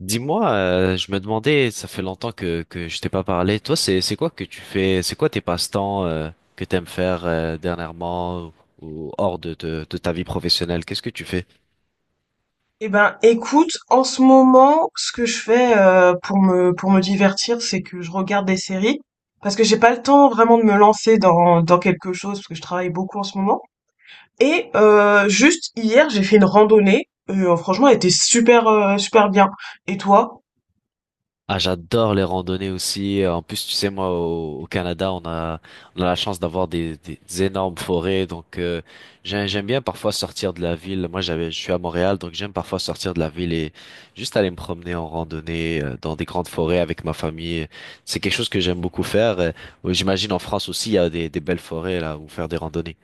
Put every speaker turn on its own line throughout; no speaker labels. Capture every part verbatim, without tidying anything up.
Dis-moi, euh, je me demandais, ça fait longtemps que que je t'ai pas parlé. Toi, c'est c'est quoi que tu fais? C'est quoi tes passe-temps, euh, que t'aimes faire euh, dernièrement, ou, ou hors de, de de ta vie professionnelle? Qu'est-ce que tu fais?
Eh ben, écoute, en ce moment, ce que je fais euh, pour me pour me divertir, c'est que je regarde des séries parce que j'ai pas le temps vraiment de me lancer dans dans quelque chose parce que je travaille beaucoup en ce moment. Et euh, juste hier, j'ai fait une randonnée. Et, euh, franchement, elle était super euh, super bien. Et toi?
Ah, j'adore les randonnées aussi. En plus, tu sais, moi, au, au Canada, on a, on a la chance d'avoir des, des, des énormes forêts. Donc, euh, j'ai- j'aime bien parfois sortir de la ville. Moi, j'avais, je suis à Montréal, donc j'aime parfois sortir de la ville et juste aller me promener en randonnée, euh, dans des grandes forêts avec ma famille. C'est quelque chose que j'aime beaucoup faire. Euh, J'imagine en France aussi, il y a des, des belles forêts là où faire des randonnées.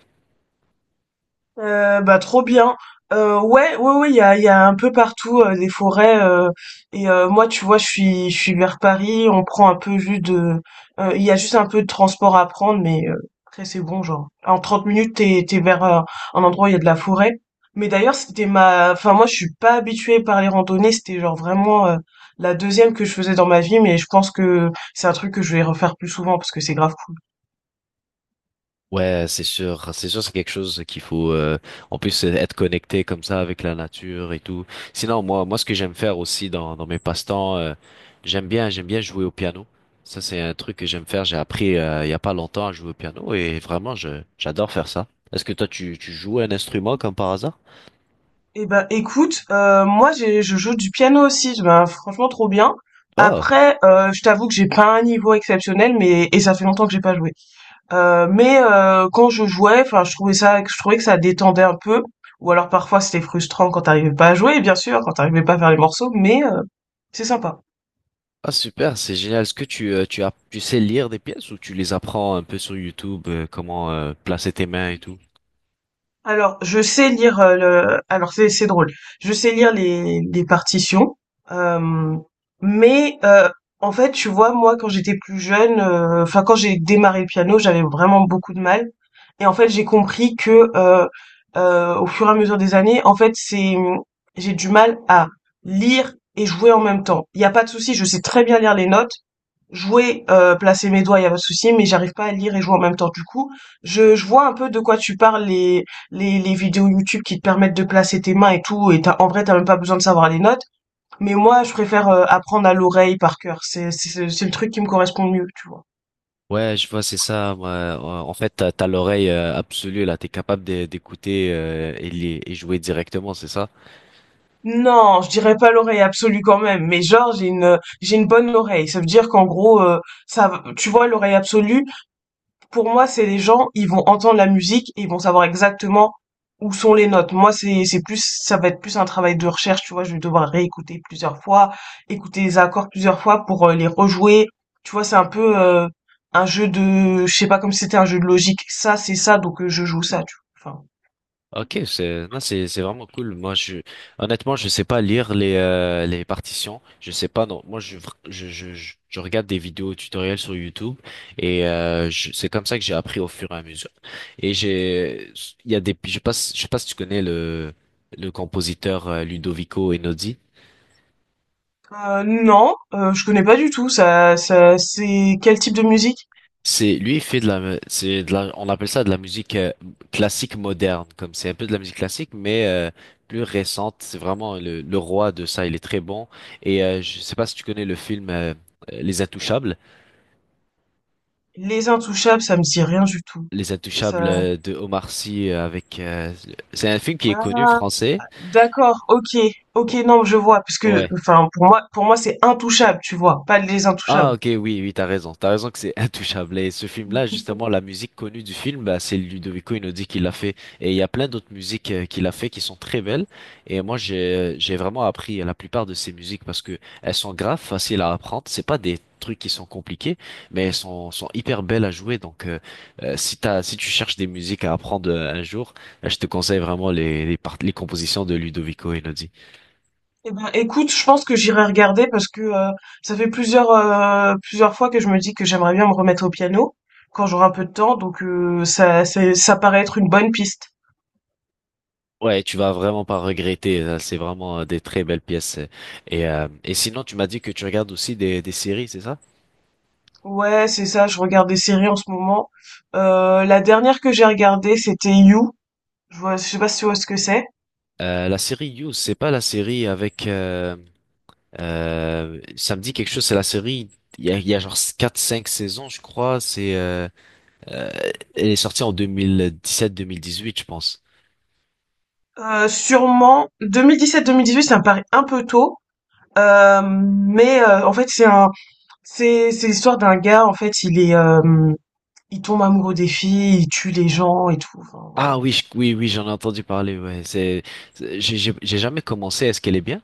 Euh, bah trop bien. Euh, ouais, ouais, ouais, il y a, il y a un peu partout euh, des forêts. Euh, et euh, moi, tu vois, je suis, je suis vers Paris. On prend un peu juste de, euh, il y a juste un peu de transport à prendre, mais euh, après c'est bon, genre en trente minutes t'es, t'es vers euh, un endroit où il y a de la forêt. Mais d'ailleurs, c'était ma, enfin moi, je suis pas habituée par les randonnées. C'était genre vraiment euh, la deuxième que je faisais dans ma vie, mais je pense que c'est un truc que je vais refaire plus souvent parce que c'est grave cool.
Ouais, c'est sûr, c'est sûr, c'est quelque chose qu'il faut. euh, en plus, euh, être connecté comme ça avec la nature et tout. Sinon, moi, moi, ce que j'aime faire aussi dans dans mes passe-temps, euh, j'aime bien, j'aime bien jouer au piano. Ça, c'est un truc que j'aime faire. J'ai appris, euh, il y a pas longtemps, à jouer au piano, et vraiment, je j'adore faire ça. Est-ce que toi, tu tu joues un instrument comme par hasard?
Eh ben écoute, euh, moi j'ai je joue du piano aussi, ben, franchement trop bien.
Oh,
Après, euh, je t'avoue que j'ai pas un niveau exceptionnel, mais et ça fait longtemps que j'ai pas joué. Euh, mais euh, quand je jouais, enfin je trouvais ça, je trouvais que ça détendait un peu. Ou alors parfois c'était frustrant quand t'arrivais pas à jouer, bien sûr, quand t'arrivais pas à faire les morceaux, mais euh, c'est sympa.
ah, super, c'est génial. Est-ce que tu euh, tu as tu sais lire des pièces, ou tu les apprends un peu sur YouTube, euh, comment euh, placer tes mains et tout?
Alors, je sais lire, heu, le alors c'est c'est drôle. Je sais lire les les partitions, hem, mais, heu, en fait, tu vois, moi, quand j'étais plus jeune, heu, enfin, quand j'ai démarré le piano, j'avais vraiment beaucoup de mal et en fait, j'ai compris que, heu heu, au fur et à mesure des années, en fait, c'est, mmh, j'ai du mal à lire et jouer en même temps. Il y a pas de souci, je sais très bien lire les notes, jouer, heu, placer mes doigts, il y a pas de souci, mais j'arrive pas à lire et jouer en même temps. Du coup, je je vois un peu de quoi tu parles, les, les vidéos YouTube qui te permettent de placer tes mains et tout, et t'as, en vrai, t'as même pas besoin de savoir les notes. Mais moi, je préfère euh, apprendre à l'oreille par cœur. C'est, c'est, c'est le truc qui me correspond le mieux, tu vois.
Ouais, je vois, c'est ça. Moi, Euh, En fait, t'as, t'as l'oreille euh, absolue là. T'es capable d'é- d'écouter, euh, et, les- et jouer directement, c'est ça?
Non, je dirais pas l'oreille absolue quand même, mais genre j'ai une j'ai une bonne oreille. Ça veut dire qu'en gros euh, ça tu vois l'oreille absolue, pour moi, c'est les gens, ils vont entendre la musique et ils vont savoir exactement où sont les notes. Moi, c'est c'est plus ça va être plus un travail de recherche, tu vois, je vais devoir réécouter plusieurs fois, écouter les accords plusieurs fois pour euh, les rejouer. Tu vois, c'est un peu euh, un jeu de je sais pas comme si c'était un jeu de logique. Ça, c'est ça, donc euh, je joue ça, tu vois. Enfin,
Ok, c'est non, c'est c'est vraiment cool. Moi, je honnêtement, je sais pas lire les euh, les partitions. Je sais pas. Non, moi, je je je, je je regarde des vidéos tutoriels sur YouTube, et euh, je- c'est comme ça que j'ai appris au fur et à mesure. Et j'ai il y a des je sais pas si- je sais pas si tu connais le le compositeur, euh, Ludovico Einaudi.
Euh, non, euh, je connais pas du tout. Ça, ça, c'est quel type de musique?
C'est lui, il fait de la c'est de la, on appelle ça de la musique, euh, classique moderne, comme c'est un peu de la musique classique, mais euh, plus récente. C'est vraiment le, le roi de ça, il est très bon. Et euh, je sais pas si tu connais le film, euh, euh, Les Intouchables.
Les Intouchables, ça me dit rien du tout.
Les Intouchables,
Ça...
euh, de Omar Sy, euh, avec euh, c'est un film qui est connu,
Ah,
français.
d'accord, ok, ok, non, je vois, parce que,
Ouais.
enfin, pour moi, pour moi, c'est intouchable, tu vois, pas les
Ah,
Intouchables.
ok, oui, oui, t'as raison, t'as raison que c'est intouchable. Et ce film-là, justement, la musique connue du film, bah, c'est Ludovico Einaudi qui l'a fait. Et il y a plein d'autres musiques, euh, qu'il a fait, qui sont très belles. Et moi, j'ai j'ai vraiment appris la plupart de ces musiques, parce que elles sont graves faciles à apprendre. C'est pas des trucs qui sont compliqués, mais elles sont sont hyper belles à jouer. Donc, euh, euh, si t'as si tu cherches des musiques à apprendre, euh, un jour, euh, je te conseille vraiment les les, part- les compositions de Ludovico Einaudi.
Eh ben, écoute, je pense que j'irai regarder parce que euh, ça fait plusieurs euh, plusieurs fois que je me dis que j'aimerais bien me remettre au piano quand j'aurai un peu de temps, donc euh, ça c'est- ça paraît être une bonne piste.
Ouais, tu vas vraiment pas regretter. euh, C'est vraiment, euh, des très belles pièces. euh. Et, euh, et sinon, tu m'as dit que tu regardes aussi des, des séries, c'est ça?
Ouais, c'est ça. Je regarde des séries en ce moment. Euh, la dernière que j'ai regardée, c'était You. Je vois, je sais pas si tu vois ce que c'est.
Euh, la série You, c'est pas la série avec. Euh, euh, ça me dit quelque chose, c'est la série. Il y a, il y a genre quatre, cinq saisons, je crois. C'est, euh, elle est sortie en deux deux mille mille dix-sept, deux mille dix-huit, je pense.
Euh, sûrement deux mille dix-sept deux mille dix-huit, ça me paraît un peu tôt, euh, mais euh, en fait c'est un, c'est c'est l'histoire d'un gars en fait il est, euh, il tombe amoureux des filles, il tue les gens et tout. Enfin, voilà.
Ah, oui, je- oui, oui, j'en ai entendu parler. Ouais, c'est, c'est- j'ai j'ai- j'ai jamais commencé. Est-ce qu'elle est bien?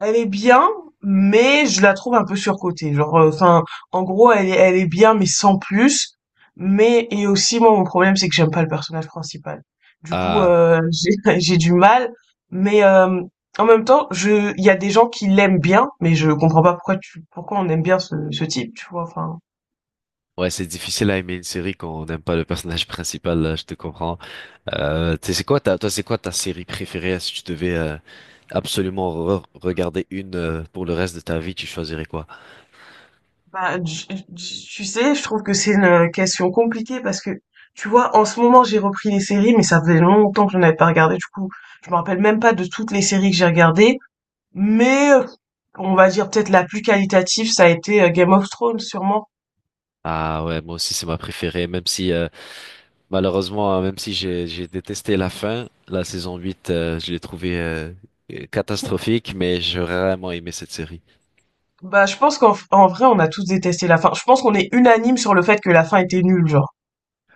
Elle est bien, mais je la trouve un peu surcotée. Genre, euh, enfin, en gros, elle est elle est bien, mais sans plus. Mais et aussi, moi, mon problème, c'est que j'aime pas le personnage principal. Du coup,
Ah,
heu, j'ai j'ai du mal, mais hem, en même temps, je il y a des gens qui l'aiment bien, mais je comprends pas pourquoi tu pourquoi on aime bien ce ce type, tu vois? Enfin
ouais, c'est difficile à aimer une série quand on n'aime pas le personnage principal, là, je te comprends. Euh, tu sais, c'est quoi ta, toi, c'est quoi ta série préférée, si tu devais, euh, absolument, re- regarder une, euh, pour le reste de ta vie, tu choisirais quoi?
Bah, tu tu- tu sais, je trouve que c'est une question compliquée parce que, tu vois, en ce moment, j'ai repris les séries, mais ça faisait longtemps que je n'en avais pas regardé. Du coup, je me rappelle même pas de toutes les séries que j'ai regardées. Mais, euh, on va dire peut-être la plus qualitative, ça a été euh, Game of Thrones, sûrement.
Ah, ouais, moi aussi c'est ma préférée, même si, euh, malheureusement, hein, même si j'ai j'ai détesté la fin, la saison huit, euh, je l'ai trouvée, euh, catastrophique, mais j'ai vraiment aimé cette série.
Bah, je pense qu'en en vrai, on a tous détesté la fin. Je pense qu'on est unanime sur le fait que la fin était nulle, genre.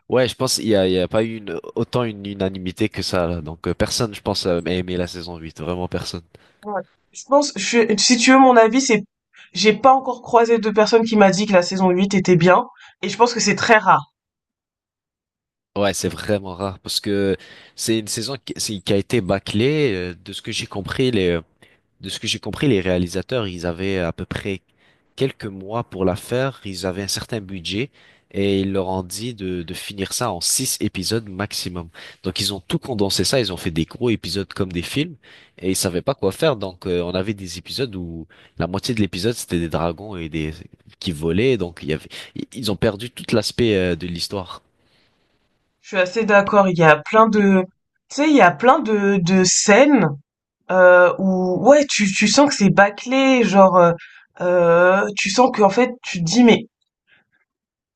Ouais, je pense qu'il y a, il y a pas eu une, autant une unanimité que ça, là. Donc, euh, personne, je pense, euh, a aimé la saison huit. Vraiment personne.
Ouais. Je pense, je suis- si tu veux mon avis, c'est, j'ai pas encore croisé de personne qui m'a dit que la saison huit était bien, et je pense que c'est très rare.
Ouais, c'est vraiment rare, parce que c'est une saison qui, c'est- qui a été bâclée. euh, De ce que j'ai compris, les, de ce que j'ai compris, les réalisateurs, ils avaient à peu près quelques mois pour la faire. Ils avaient un certain budget, et ils leur ont dit de, de finir ça en six épisodes maximum. Donc ils ont tout condensé ça. Ils ont fait des gros épisodes comme des films, et ils savaient pas quoi faire. Donc, euh, on avait des épisodes où la moitié de l'épisode c'était des dragons et des qui volaient. Donc il y avait, ils ont perdu tout l'aspect, euh, de l'histoire.
Je suis assez d'accord. Il y a plein de, tu sais, il y a plein de, de scènes euh, où, ouais, tu, tu sens que c'est bâclé, genre, euh, euh, tu sens qu'en fait, tu te dis, mais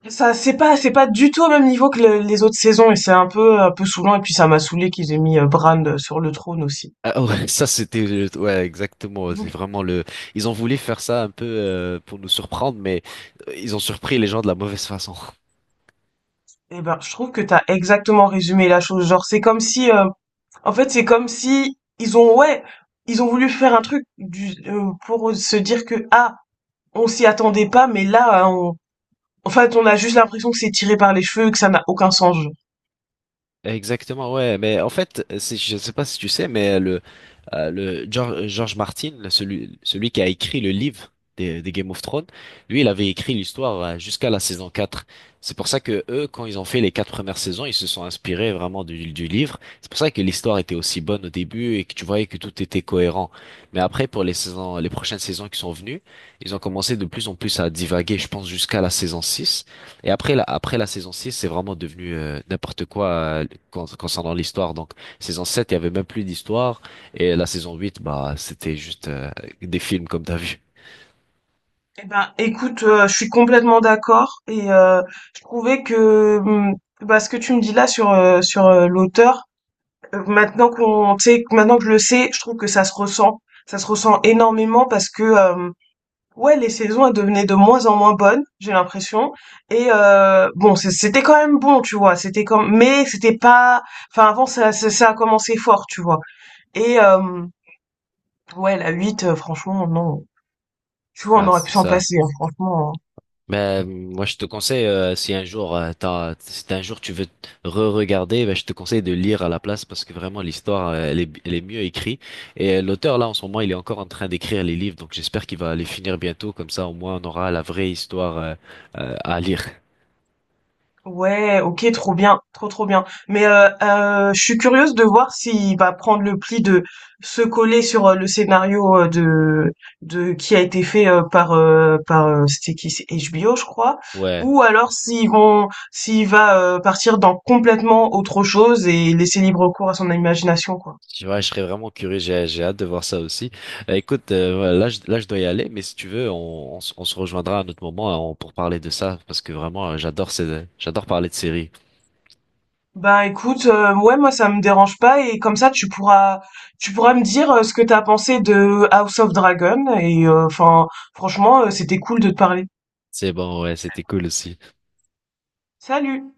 ça, c'est pas, c'est pas du tout au même niveau que le- les autres saisons, et c'est un peu, un peu saoulant. Et puis ça m'a saoulé qu'ils aient mis euh, Bran sur le trône aussi.
Ah, ouais, ça c'était, euh, ouais, exactement, c'est vraiment le ils ont voulu faire ça un peu, euh, pour nous surprendre, mais euh, ils ont surpris les gens de la mauvaise façon.
Eh ben, je trouve que t'as exactement résumé la chose. Genre, c'est comme si, euh, en fait, c'est comme si ils ont, ouais, ils ont voulu faire un truc du, euh, pour se dire que ah, on s'y attendait pas, mais là, euh, on, en fait, on a juste l'impression que c'est tiré par les cheveux, que ça n'a aucun sens. Genre.
Exactement, ouais. Mais en fait, c'est- je ne sais pas si tu sais, mais le, euh, le Geor- George Martin, le- celui, celui qui a écrit le livre des, des Game of Thrones, lui, il avait écrit l'histoire, euh, jusqu'à la saison quatre. C'est pour ça que eux, quand ils ont fait les quatre premières saisons, ils se sont inspirés vraiment du, du livre. C'est pour ça que l'histoire était aussi bonne au début, et que tu voyais que tout était cohérent. Mais après, pour les saisons, les prochaines saisons qui sont venues, ils ont commencé de plus en plus à divaguer, je pense, jusqu'à la saison six. Et après la, après la saison six, c'est vraiment devenu, euh, n'importe quoi, euh, con- concernant l'histoire. Donc, saison sept, il y avait même plus d'histoire. Et la saison huit, bah, c'était juste, euh, des films, comme t'as vu.
Eh ben, écoute, euh, je suis complètement d'accord et euh, je trouvais que hum, bah, ce que tu me dis là sur euh, sur euh, l'auteur, Euh, Maintenant qu'on sait, maintenant que je le sais, je trouve que ça se ressent. Ça se ressent énormément parce que euh, ouais, les saisons elles devenaient de moins en moins bonnes, j'ai l'impression. Et euh, bon, c'est- c'était quand même bon, tu vois. C'était comme, mais c'était pas. Enfin, avant ça, ça, ça a commencé fort, tu vois. Et euh, ouais, la huit, euh, franchement, non. Tu vois, on
Là,
aurait pu
c'est
s'en
ça.
passer, hein, franchement. Hein.
Mais, euh, moi, je te conseille, euh, si un jour, euh, t'as- si un jour tu veux, t- re-regarder, ben, je te conseille de lire à la place, parce que vraiment, l'histoire, euh, elle est, elle est mieux écrite. Et, euh, l'auteur, là, en ce moment, il est encore en train d'écrire les livres. Donc, j'espère qu'il va les finir bientôt. Comme ça, au moins, on aura la vraie histoire, euh, euh, à lire.
Ouais, ok, trop bien, trop trop bien. Mais euh, euh, je suis curieuse de voir s'il va prendre le pli de se coller sur euh, le scénario euh, de de qui a été fait euh, par euh, par euh, c'était qui c'est H B O je crois,
Ouais.
ou alors s'ils vont s'il va euh, partir dans complètement autre chose et laisser libre cours à son imagination quoi.
Je- Ouais, je serais vraiment curieux, j'ai j'ai hâte de voir ça aussi. Euh, écoute, euh, voilà, là, je, là je dois y aller, mais si tu veux, on, on, se on se rejoindra à un autre moment, euh, on- pour parler de ça, parce que vraiment, euh, j'adore ces- j'adore parler de séries.
Bah écoute, euh, ouais moi ça me dérange pas et comme ça tu pourras tu pourras me dire euh, ce que t'as pensé de House of Dragon et euh, enfin franchement euh, c'était cool de te parler.
C'est bon, ouais, c'était cool aussi.
Salut